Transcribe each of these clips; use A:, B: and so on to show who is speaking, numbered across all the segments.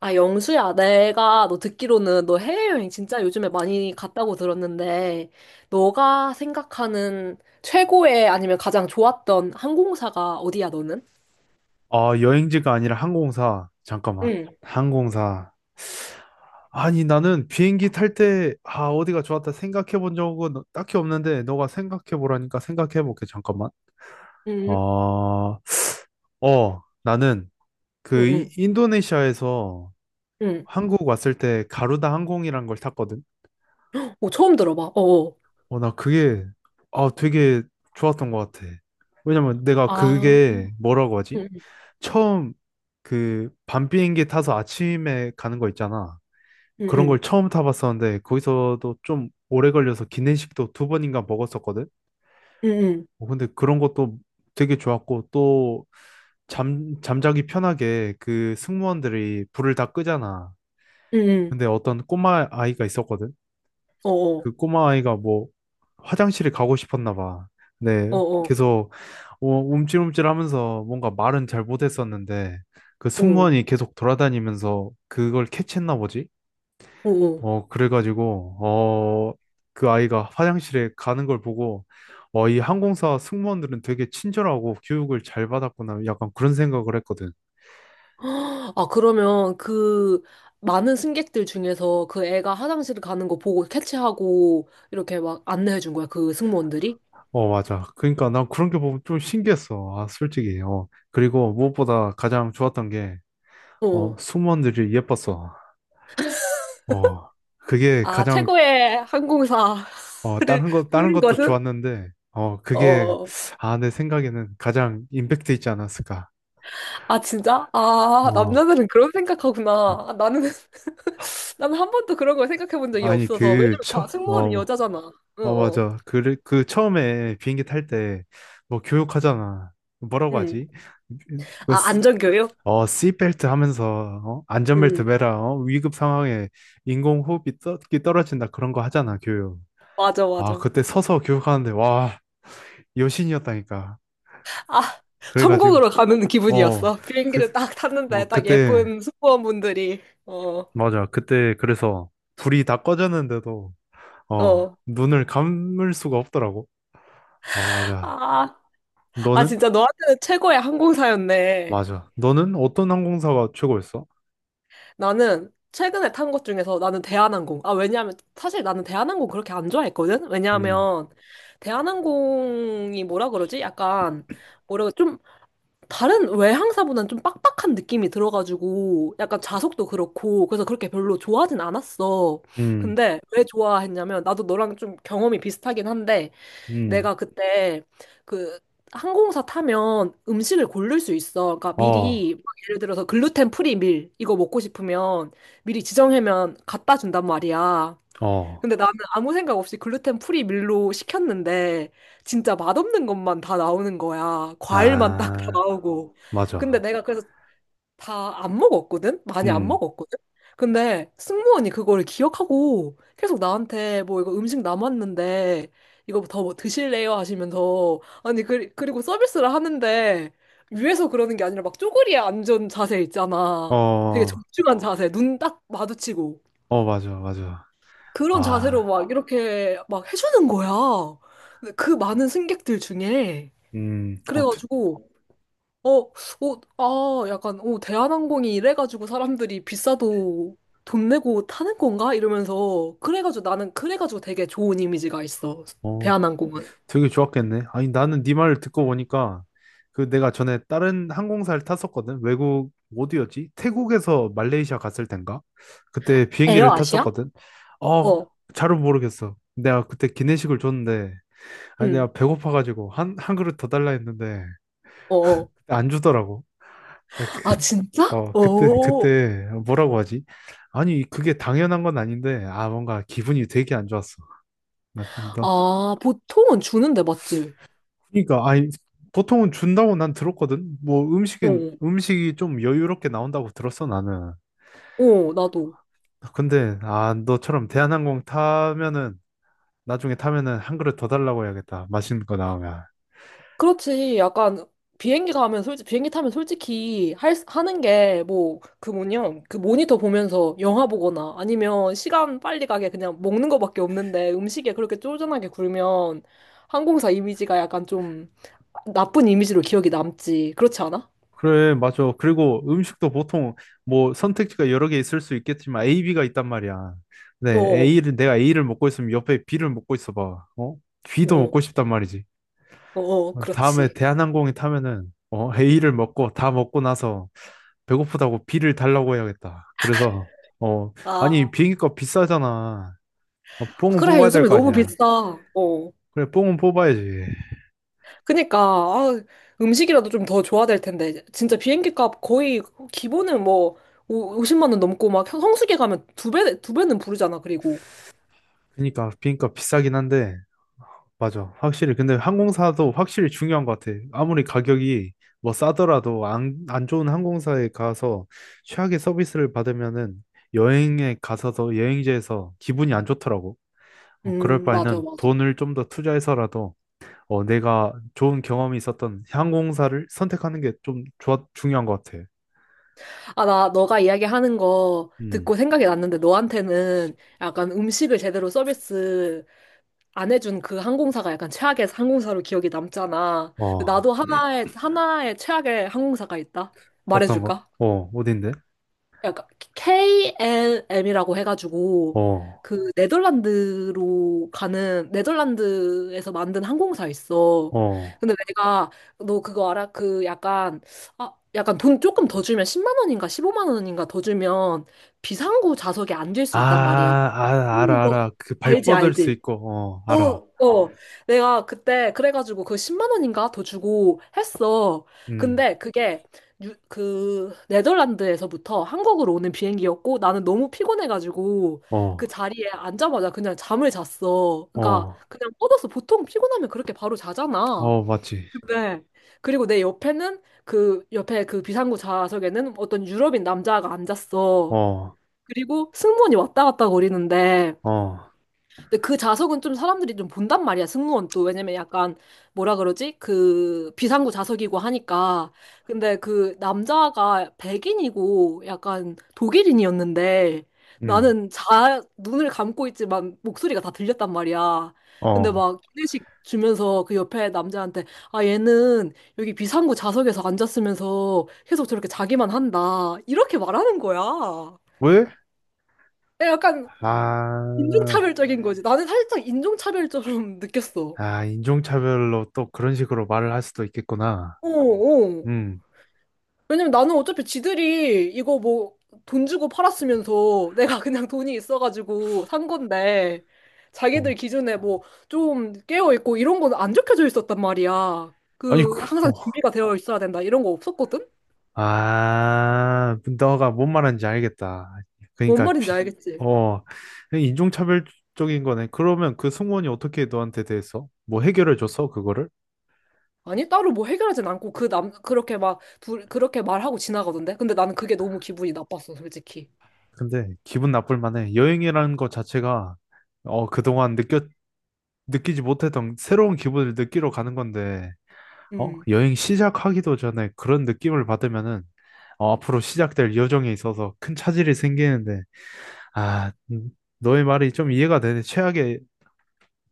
A: 아, 영수야, 내가 너 듣기로는 너 해외여행 진짜 요즘에 많이 갔다고 들었는데, 너가 생각하는 최고의 아니면 가장 좋았던 항공사가 어디야, 너는?
B: 아, 여행지가 아니라 항공사. 잠깐만.
A: 응,
B: 항공사. 아니, 나는 비행기 탈 때, 아, 어디가 좋았다 생각해 본 적은 딱히 없는데, 너가 생각해 보라니까 생각해 볼게. 잠깐만. 아,
A: 응,
B: 어, 나는
A: 응,
B: 그
A: 응,
B: 인도네시아에서
A: 응.
B: 한국 왔을 때 가루다 항공이란 걸 탔거든.
A: 오, 처음 들어봐. 어어.
B: 어, 나 그게, 아, 되게 좋았던 것 같아. 왜냐면 내가
A: 아,
B: 그게 뭐라고 하지?
A: 응,
B: 처음 그 밤 비행기 타서 아침에 가는 거 있잖아.
A: 응,
B: 그런 걸
A: 응,
B: 처음 타봤었는데 거기서도 좀 오래 걸려서 기내식도 두 번인가 먹었었거든.
A: 응,
B: 어, 근데 그런 것도 되게 좋았고 또 잠자기 편하게 그 승무원들이 불을 다 끄잖아.
A: 응, 응,
B: 근데 어떤 꼬마 아이가 있었거든.
A: 어어,
B: 그 꼬마 아이가 뭐 화장실에 가고 싶었나 봐. 네.
A: 어어,
B: 계속 어, 움찔움찔 하면서 뭔가 말은 잘 못했었는데 그
A: 어,
B: 승무원이 계속 돌아다니면서 그걸 캐치했나 보지.
A: 어어.
B: 어, 그래가지고, 어, 그 아이가 화장실에 가는 걸 보고, 어, 이 항공사 승무원들은 되게 친절하고 교육을 잘 받았구나. 약간 그런 생각을 했거든.
A: 아, 그러면 그 많은 승객들 중에서 그 애가 화장실 가는 거 보고 캐치하고 이렇게 막 안내해 준 거야, 그 승무원들이?
B: 어, 맞아. 그러니까 난 그런 게 보면 좀 신기했어. 아, 솔직히. 어. 그리고 무엇보다 가장 좋았던 게,
A: 어.
B: 어, 승무원들이 예뻤어. 어, 그게
A: 아,
B: 가장,
A: 최고의 항공사를
B: 어, 다른 것, 다른
A: 뽑는
B: 것도
A: 것은?
B: 좋았는데, 어, 그게,
A: 어,
B: 아, 내 생각에는 가장 임팩트 있지 않았을까.
A: 아, 진짜? 아,
B: 어,
A: 남자들은 그런 생각하구나. 아, 나는, 나는 한 번도 그런 걸 생각해 본 적이
B: 아니,
A: 없어서.
B: 그,
A: 왜냐면 다 승무원이
B: 어,
A: 여자잖아. 어,
B: 어,
A: 어.
B: 맞아. 그, 그 처음에 비행기 탈 때 뭐 교육하잖아. 뭐라고
A: 응.
B: 하지? 그,
A: 아, 안전교육?
B: 어, 씨벨트 하면서, 어? 안전벨트
A: 응.
B: 매라, 어? 위급 상황에 인공호흡이 끼 떨어진다. 그런 거 하잖아, 교육.
A: 맞아,
B: 아,
A: 맞아.
B: 그때 서서 교육하는데, 와, 여신이었다니까.
A: 아,
B: 그래가지고,
A: 천국으로 가는
B: 어,
A: 기분이었어.
B: 그,
A: 비행기를 딱
B: 어,
A: 탔는데, 딱
B: 그때,
A: 예쁜 승무원분들이. 어,
B: 맞아. 그때, 그래서 불이 다 꺼졌는데도, 어,
A: 어.
B: 눈을 감을 수가 없더라고. 어, 맞아.
A: 아, 아,
B: 너는?
A: 진짜 너한테는 최고의 항공사였네.
B: 맞아. 너는 어떤 항공사가 최고였어?
A: 나는 최근에 탄 것 중에서 나는 대한항공. 아, 왜냐하면 사실 나는 대한항공 그렇게 안 좋아했거든?
B: 음,
A: 왜냐하면 대한항공이 뭐라 그러지? 약간 뭐라고 좀 다른 외항사보다는 좀 빡빡한 느낌이 들어가지고 약간 좌석도 그렇고 그래서 그렇게 별로 좋아하진 않았어.
B: 음,
A: 근데 왜 좋아했냐면 나도 너랑 좀 경험이 비슷하긴 한데
B: 음,
A: 내가 그때 그 항공사 타면 음식을 고를 수 있어. 그러니까
B: 어,
A: 미리 막 예를 들어서 글루텐 프리 밀 이거 먹고 싶으면 미리 지정하면 갖다 준단 말이야.
B: 어,
A: 근데 나는 아무 생각 없이 글루텐 프리 밀로 시켰는데 진짜 맛없는 것만 다 나오는 거야. 과일만 딱 다
B: 아,
A: 나오고. 근데
B: 맞아.
A: 내가 그래서 다 안 먹었거든? 많이 안
B: 음,
A: 먹었거든? 근데 승무원이 그걸 기억하고 계속 나한테 뭐 이거 음식 남았는데 이거 더뭐 드실래요? 하시면서 아니 그, 그리고 서비스를 하는데 위에서 그러는 게 아니라 막 쪼그리에 앉은 자세
B: 어,
A: 있잖아. 되게
B: 어,
A: 정중한 어. 자세, 눈 딱 마주치고
B: 맞아, 맞아.
A: 그런 자세로
B: 와,
A: 막 이렇게 막 해주는 거야. 근데 그 많은 승객들 중에
B: 어,
A: 그래가지고 어, 어, 아, 약간, 어, 대한항공이 이래가지고 사람들이 비싸도 돈 내고 타는 건가? 이러면서, 그래가지고 나는, 그래가지고 되게 좋은 이미지가 있어.
B: 어,
A: 대한항공은.
B: 되게 좋았겠네. 아니, 나는 네 말을 듣고 보니까 그 내가 전에 다른 항공사를 탔었거든. 외국 어디였지? 태국에서 말레이시아 갔을 땐가? 그때 비행기를
A: 에어아시아?
B: 탔었거든. 어,
A: 어,
B: 잘은 모르겠어. 내가 그때 기내식을 줬는데 아니
A: 응,
B: 내가 배고파가지고 한, 한 그릇 더 달라 했는데
A: 어, 어.
B: 그때 안 주더라고.
A: 아,
B: 그-
A: 진짜?
B: 어,
A: 어,
B: 그때 뭐라고 하지? 아니 그게 당연한 건 아닌데 아 뭔가 기분이 되게 안 좋았어. 나.
A: 아, 보통은 주는데, 맞지?
B: 그러니까 아니 보통은 준다고 난 들었거든. 뭐 음식은
A: 어,
B: 음식이 좀 여유롭게 나온다고 들었어 나는.
A: 어, 나도.
B: 근데 아 너처럼 대한항공 타면은 나중에 타면은 한 그릇 더 달라고 해야겠다. 맛있는 거 나오면.
A: 그렇지. 약간 비행기 가면 솔직 비행기 타면 솔직히 할 하는 게 뭐 그 뭐냐 그 모니터 보면서 영화 보거나 아니면 시간 빨리 가게 그냥 먹는 거밖에 없는데 음식에 그렇게 쫄깃하게 굴면 항공사 이미지가 약간 좀 나쁜 이미지로 기억이 남지. 그렇지 않아?
B: 그래, 맞아. 그리고 음식도 보통 뭐 선택지가 여러 개 있을 수 있겠지만 A, B가 있단 말이야.
A: 어,
B: 네,
A: 어,
B: A를 내가 A를 먹고 있으면 옆에 B를 먹고 있어 봐. 어? B도
A: 어,
B: 먹고 싶단 말이지.
A: 어, 어,
B: 어, 다음에
A: 그렇지.
B: 대한항공에 타면은 어, A를 먹고 다 먹고 나서 배고프다고 B를 달라고 해야겠다. 그래서 어, 아니
A: 아,
B: 비행기값 비싸잖아. 어, 뽕은
A: 그래.
B: 뽑아야 될
A: 요즘에
B: 거
A: 너무
B: 아니야.
A: 비싸. 어.
B: 그래, 뽕은 뽑아야지.
A: 그니까 아, 음식이라도 좀 더 줘야 될 텐데 진짜 비행기 값 거의 기본은 뭐 50만 원 넘고 막 성수기 가면 두 배, 두 배는 부르잖아 그리고
B: 그러니까 비행기값 비싸긴 한데 맞아. 확실히. 근데 항공사도 확실히 중요한 것 같아. 아무리 가격이 뭐 싸더라도 안 좋은 항공사에 가서 최악의 서비스를 받으면은 여행에 가서도 여행지에서 기분이 안 좋더라고. 어, 그럴
A: 맞아
B: 바에는
A: 맞아.
B: 돈을 좀 더 투자해서라도 어, 내가 좋은 경험이 있었던 항공사를 선택하는 게 좀 좋아, 중요한 것 같아.
A: 아, 나 너가 이야기하는 거
B: 음.
A: 듣고 생각이 났는데 너한테는 약간 음식을 제대로 서비스 안 해준 그 항공사가 약간 최악의 항공사로 기억이 남잖아.
B: 어,
A: 근데 나도 하나의 최악의 항공사가 있다
B: 어떤 거?
A: 말해줄까?
B: 어, 어딘데?
A: 약간 KLM이라고 해가지고
B: 어,
A: 그 네덜란드로 가는 네덜란드에서 만든 항공사 있어.
B: 어.
A: 근데 내가 너 그거 알아? 그 약간 아 약간 돈 조금 더 주면 10만 원인가 15만 원인가 더 주면 비상구 좌석에 앉을
B: 아,
A: 수 있단 말이야.
B: 아,
A: 음.
B: 알아,
A: 너
B: 알아. 그 발
A: 알지
B: 뻗을 수
A: 알지?
B: 있고, 어,
A: 어,
B: 알아.
A: 어. 내가 그때 그래가지고 그 10만 원인가 더 주고 했어.
B: 음.
A: 근데 그게 그 네덜란드에서부터 한국으로 오는 비행기였고 나는 너무 피곤해가지고 그
B: 어,
A: 자리에 앉자마자 그냥 잠을 잤어. 그러니까
B: 어,
A: 그냥 뻗어서 보통 피곤하면 그렇게 바로 자잖아.
B: 어, 맞지.
A: 네. 그리고 내 옆에는 그 옆에 그 비상구 좌석에는 어떤 유럽인 남자가 앉았어.
B: 어,
A: 그리고 승무원이 왔다 갔다 거리는데
B: 어,
A: 근데 그 좌석은 좀 사람들이 좀 본단 말이야, 승무원 또. 왜냐면 약간, 뭐라 그러지? 그, 비상구 좌석이고 하니까. 근데 그 남자가 백인이고 약간 독일인이었는데
B: 음,
A: 나는 자, 눈을 감고 있지만 목소리가 다 들렸단 말이야. 근데
B: 어.
A: 막 기내식 주면서 그 옆에 남자한테 아, 얘는 여기 비상구 좌석에서 앉았으면서 계속 저렇게 자기만 한다. 이렇게 말하는 거야.
B: 왜?
A: 약간
B: 아,
A: 인종차별적인 거지. 나는 살짝 인종차별처럼 느꼈어.
B: 아, 인종차별로 또 그런 식으로 말을 할 수도 있겠구나.
A: 어, 어.
B: 음,
A: 왜냐면 나는 어차피 지들이 이거 뭐 돈 주고 팔았으면서 내가 그냥 돈이 있어가지고 산 건데 자기들
B: 어.
A: 기준에 뭐 좀 깨어있고 이런 건 안 적혀져 있었단 말이야.
B: 아니,
A: 그
B: 그,
A: 항상
B: 어.
A: 준비가 되어 있어야 된다 이런 거 없었거든?
B: 아, 너가 뭔 말하는지 알겠다.
A: 뭔
B: 그러니까,
A: 말인지
B: 비,
A: 알겠지?
B: 어, 인종차별적인 거네. 그러면 그 승무원이 어떻게 너한테 대해서 뭐 해결해 줬어, 그거를?
A: 아니 따로 뭐 해결하진 않고 그 남 그렇게 막 그렇게 말하고 지나가던데? 근데 나는 그게 너무 기분이 나빴어 솔직히.
B: 근데 기분 나쁠 만해. 여행이라는 것 자체가 어, 그동안 느껴 느끼지 못했던 새로운 기분을 느끼러 가는 건데, 어?
A: 음.
B: 여행 시작하기도 전에 그런 느낌을 받으면은, 어, 앞으로 시작될 여정에 있어서 큰 차질이 생기는데, 아, 너의 말이 좀 이해가 되네. 최악의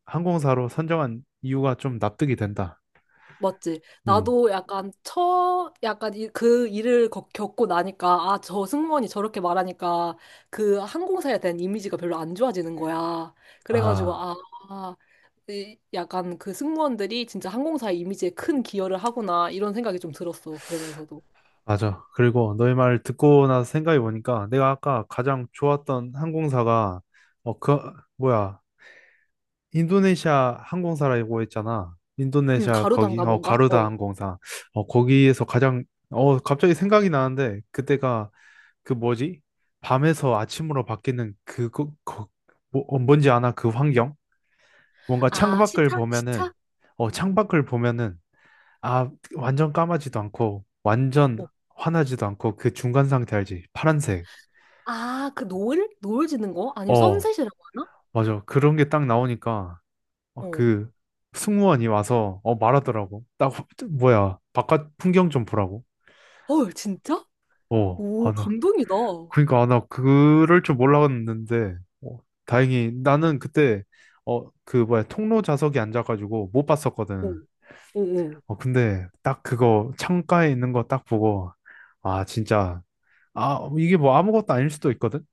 B: 항공사로 선정한 이유가 좀 납득이 된다.
A: 맞지?
B: 음,
A: 나도 약간 약간 이, 그 일을 겪고 나니까, 아, 저 승무원이 저렇게 말하니까 그 항공사에 대한 이미지가 별로 안 좋아지는 거야. 그래가지고,
B: 아,
A: 아, 아, 이- 약간 그 승무원들이 진짜 항공사의 이미지에 큰 기여를 하구나, 이런 생각이 좀 들었어. 그러면서도.
B: 맞아. 그리고 너의 말을 듣고 나서 생각해 보니까 내가 아까 가장 좋았던 항공사가, 어, 그, 뭐야. 인도네시아 항공사라고 했잖아. 인도네시아 거기
A: 가루단가
B: 어
A: 뭔가?
B: 가루다
A: 어.
B: 항공사. 어 거기에서 가장 어 갑자기 생각이 나는데 그때가 그 뭐지? 밤에서 아침으로 바뀌는 그거 거, 뭐, 어, 뭔지 아나 그 환경? 뭔가
A: 아,
B: 창밖을
A: 시차?
B: 보면은
A: 시차?
B: 어 창밖을 보면은 아 완전 까마지도 않고 완전
A: 어.
B: 환하지도 않고 그 중간 상태 알지? 파란색.
A: 아, 그 노을? 노을 지는 거? 아니면
B: 어
A: 선셋이라고 하나?
B: 맞아. 그런 게 딱 나오니까 어,
A: 어.
B: 그 승무원이 와서 어 말하더라고. 나 뭐야 바깥 풍경 좀 보라고.
A: 헐, 진짜?
B: 어,
A: 오,
B: 아, 나
A: 감동이다. 어,
B: 그러니까 아, 나 그럴 줄 몰랐는데 어, 다행히 나는 그때 어 그 뭐야 통로 좌석에 앉아가지고 못 봤었거든.
A: 어, 어.
B: 어 근데 딱 그거 창가에 있는 거 딱 보고 아 진짜 아 이게 뭐 아무것도 아닐 수도 있거든.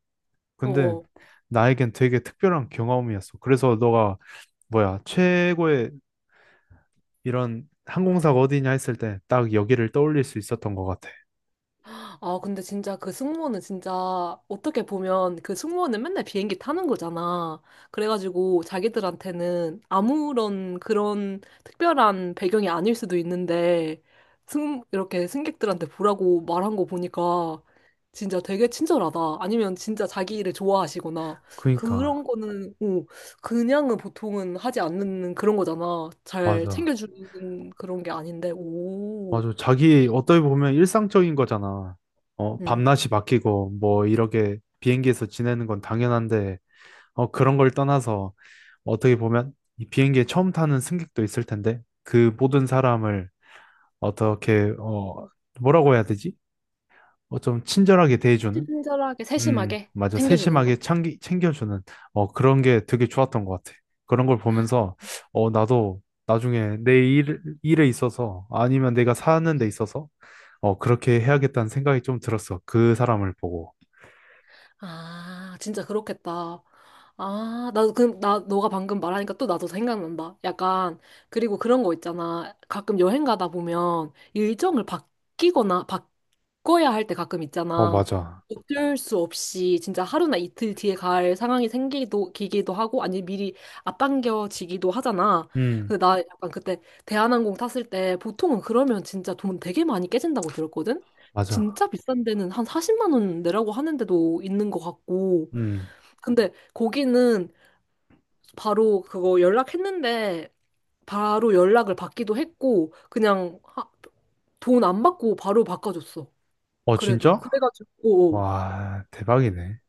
A: 어,
B: 근데
A: 어.
B: 나에겐 되게 특별한 경험이었어. 그래서 너가 뭐야 최고의 이런 항공사가 어디냐 했을 때 딱 여기를 떠올릴 수 있었던 것 같아.
A: 아, 근데 진짜 그 승무원은 진짜 어떻게 보면 그 승무원은 맨날 비행기 타는 거잖아. 그래가지고 자기들한테는 아무런 그런 특별한 배경이 아닐 수도 있는데 이렇게 승객들한테 보라고 말한 거 보니까 진짜 되게 친절하다. 아니면 진짜 자기 일을 좋아하시거나
B: 그니까,
A: 그런 거는, 어, 그냥은 보통은 하지 않는 그런 거잖아. 잘
B: 맞아.
A: 챙겨주는 그런 게 아닌데, 오.
B: 맞아. 자기, 어떻게 보면 일상적인 거잖아. 어,
A: 음.
B: 밤낮이 바뀌고, 뭐, 이렇게 비행기에서 지내는 건 당연한데, 어, 그런 걸 떠나서, 어떻게 보면, 이 비행기에 처음 타는 승객도 있을 텐데, 그 모든 사람을 어떻게 어 뭐라고 해야 되지? 어 좀 친절하게 대해주는
A: 친절하게, 세심하게
B: 맞아
A: 챙겨주는
B: 세심하게
A: 거.
B: 챙겨주는 어 그런 게 되게 좋았던 것 같아. 그런 걸 보면서 어 나도 나중에 내 일에 있어서 아니면 내가 사는 데 있어서 어 그렇게 해야겠다는 생각이 좀 들었어. 그 사람을 보고.
A: 아, 진짜 그렇겠다. 아, 나도 그, 나, 너가 방금 말하니까 또 나도 생각난다. 약간, 그리고 그런 거 있잖아. 가끔 여행 가다 보면 일정을 바뀌거나 바꿔야 할 때 가끔
B: 어
A: 있잖아.
B: 맞아.
A: 어쩔 수 없이 진짜 하루나 이틀 뒤에 갈 상황이 생기기도 기기도 하고 아니 미리 앞당겨지기도 하잖아.
B: 음
A: 근데 나 약간 그때 대한항공 탔을 때 보통은 그러면 진짜 돈 되게 많이 깨진다고 들었거든.
B: 맞아.
A: 진짜 비싼 데는 한 40만 원 내라고 하는 데도 있는 것 같고.
B: 음
A: 근데 거기는 바로 그거 연락했는데 바로 연락을 받기도 했고 그냥 돈 안 받고 바로 바꿔줬어.
B: 어
A: 그래도.
B: 진짜?
A: 그래가지고
B: 와 대박이네.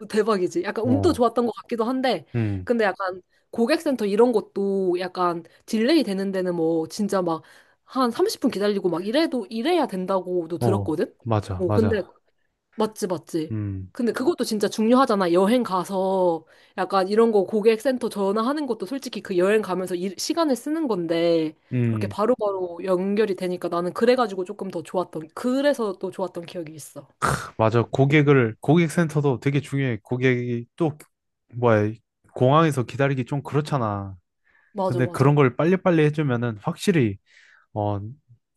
A: 오, 대박이지. 약간
B: 어
A: 운도 좋았던 것 같기도 한데
B: 음
A: 근데 약간 고객센터 이런 것도 약간 딜레이 되는 데는 뭐 진짜 막 한 30분 기다리고 막 이래도 이래야 된다고도
B: 어
A: 들었거든.
B: 맞아
A: 어, 근데
B: 맞아.
A: 맞지, 맞지.
B: 음
A: 근데 어, 그것도 진짜 중요하잖아. 여행 가서 약간 이런 거 고객센터 전화하는 것도 솔직히 그 여행 가면서 일, 시간을 쓰는 건데 그렇게
B: 음.
A: 바로바로 연결이 되니까 나는 그래가지고 조금 더 좋았던, 그래서 또 좋았던 기억이 있어.
B: 맞아. 고객을, 고객센터도 되게 중요해. 고객이 또, 뭐야, 공항에서 기다리기 좀 그렇잖아.
A: 맞아,
B: 근데 그런
A: 맞아.
B: 걸 빨리빨리 해주면은 확실히, 어,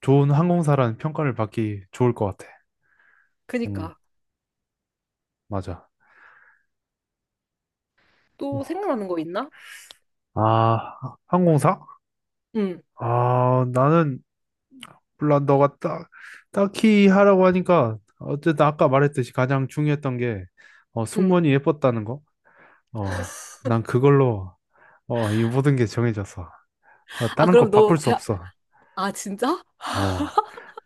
B: 좋은 항공사라는 평가를 받기 좋을 것 같아. 음,
A: 그니까.
B: 맞아.
A: 또 생각나는 거 있나?
B: 아, 항공사?
A: 응,
B: 아, 나는, 물론 너가 딱, 딱히 하라고 하니까, 어쨌든 아까 말했듯이 가장 중요했던 게, 어,
A: 응.
B: 승무원이 예뻤다는 거? 어, 난 그걸로, 어, 이 모든 게 정해졌어. 어,
A: 아,
B: 다른
A: 그럼
B: 거
A: 너,
B: 바꿀 수 없어.
A: 아, 진짜?
B: 어,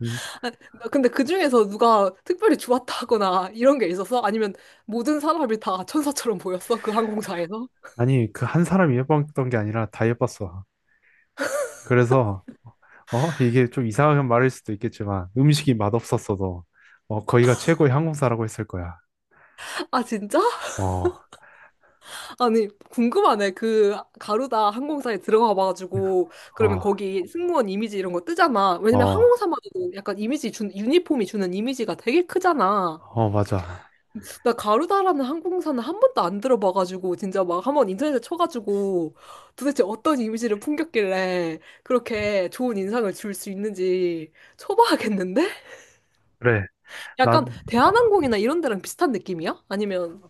B: 음,
A: 아, 나 근데 그 중에서 누가 특별히 좋았다거나 이런 게 있었어? 아니면 모든 사람이 다 천사처럼 보였어? 그 항공사에서?
B: 아니, 그 한 사람이 예뻤던 게 아니라 다 예뻤어. 그래서, 어, 이게 좀 이상한 말일 수도 있겠지만, 음식이 맛없었어도, 어, 거기가 최고의 항공사라고 했을 거야.
A: 아, 진짜?
B: 어,
A: 아니, 궁금하네. 그 가루다 항공사에 들어가 봐가지고 그러면
B: 어,
A: 거기 승무원 이미지 이런 거 뜨잖아. 왜냐면
B: 어,
A: 항공사마저도 약간 이미지 준 유니폼이 주는 이미지가 되게 크잖아.
B: 어, 맞아.
A: 나 가루다라는 항공사는 한 번도 안 들어봐가지고 진짜 막 한번 인터넷에 쳐가지고 도대체 어떤 이미지를 풍겼길래 그렇게 좋은 인상을 줄 수 있는지 쳐봐야겠는데?
B: 그래.
A: 약간
B: 난,
A: 대한항공이나 이런 데랑 비슷한 느낌이야? 아니면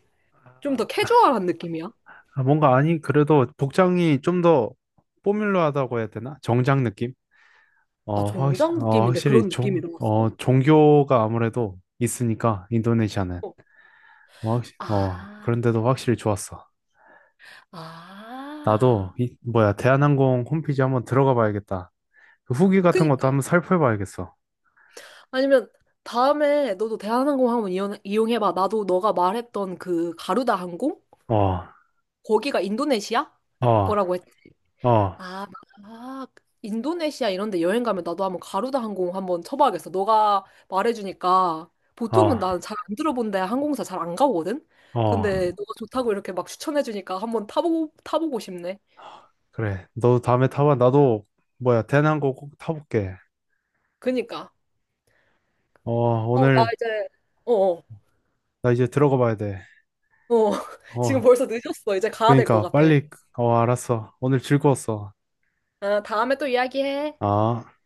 A: 좀 더 캐주얼한 느낌이야?
B: 아, 뭔가, 아니, 그래도 복장이 좀 더 포뮬러하다고 해야 되나? 정장 느낌?
A: 아,
B: 어,
A: 정장
B: 어,
A: 느낌인데
B: 확실히
A: 그런 느낌이
B: 어,
A: 들었어?
B: 종교가 아무래도 있으니까, 인도네시아는. 어, 어,
A: 아,
B: 그런데도 확실히 좋았어. 나도
A: 아.
B: 이 뭐야 대한항공 홈페이지 한번 들어가 봐야겠다. 그 후기 같은 것도
A: 그니까.
B: 한번 살펴 봐야겠어.
A: 아니면 다음에 너도 대한항공 한번 이용, 이용해봐. 나도 너가 말했던 그 가루다 항공?
B: 어,
A: 거기가 인도네시아?
B: 어,
A: 거라고 했.
B: 어,
A: 아, 아, 인도네시아 이런 데 여행 가면 나도 한번 가루다 항공 한번 쳐봐야겠어. 너가 말해주니까
B: 어,
A: 보통은 나는 잘 안 들어본 데 항공사 잘 안 가거든?
B: 어.
A: 근데 너가 좋다고 이렇게 막 추천해주니까 한번 타보고, 타보고 싶네.
B: 그래. 너도 다음에 타봐. 나도 뭐야 대한항공 꼭 타볼게.
A: 그니까.
B: 어,
A: 어, 나
B: 오늘
A: 이제, 어어.
B: 나 이제 들어가 봐야 돼.
A: 어, 지금
B: 어,
A: 벌써 늦었어. 이제 가야 될 것
B: 그러니까
A: 같아.
B: 빨리. 어, 알았어. 오늘 즐거웠어.
A: 아, 다음에 또 이야기해.
B: 아.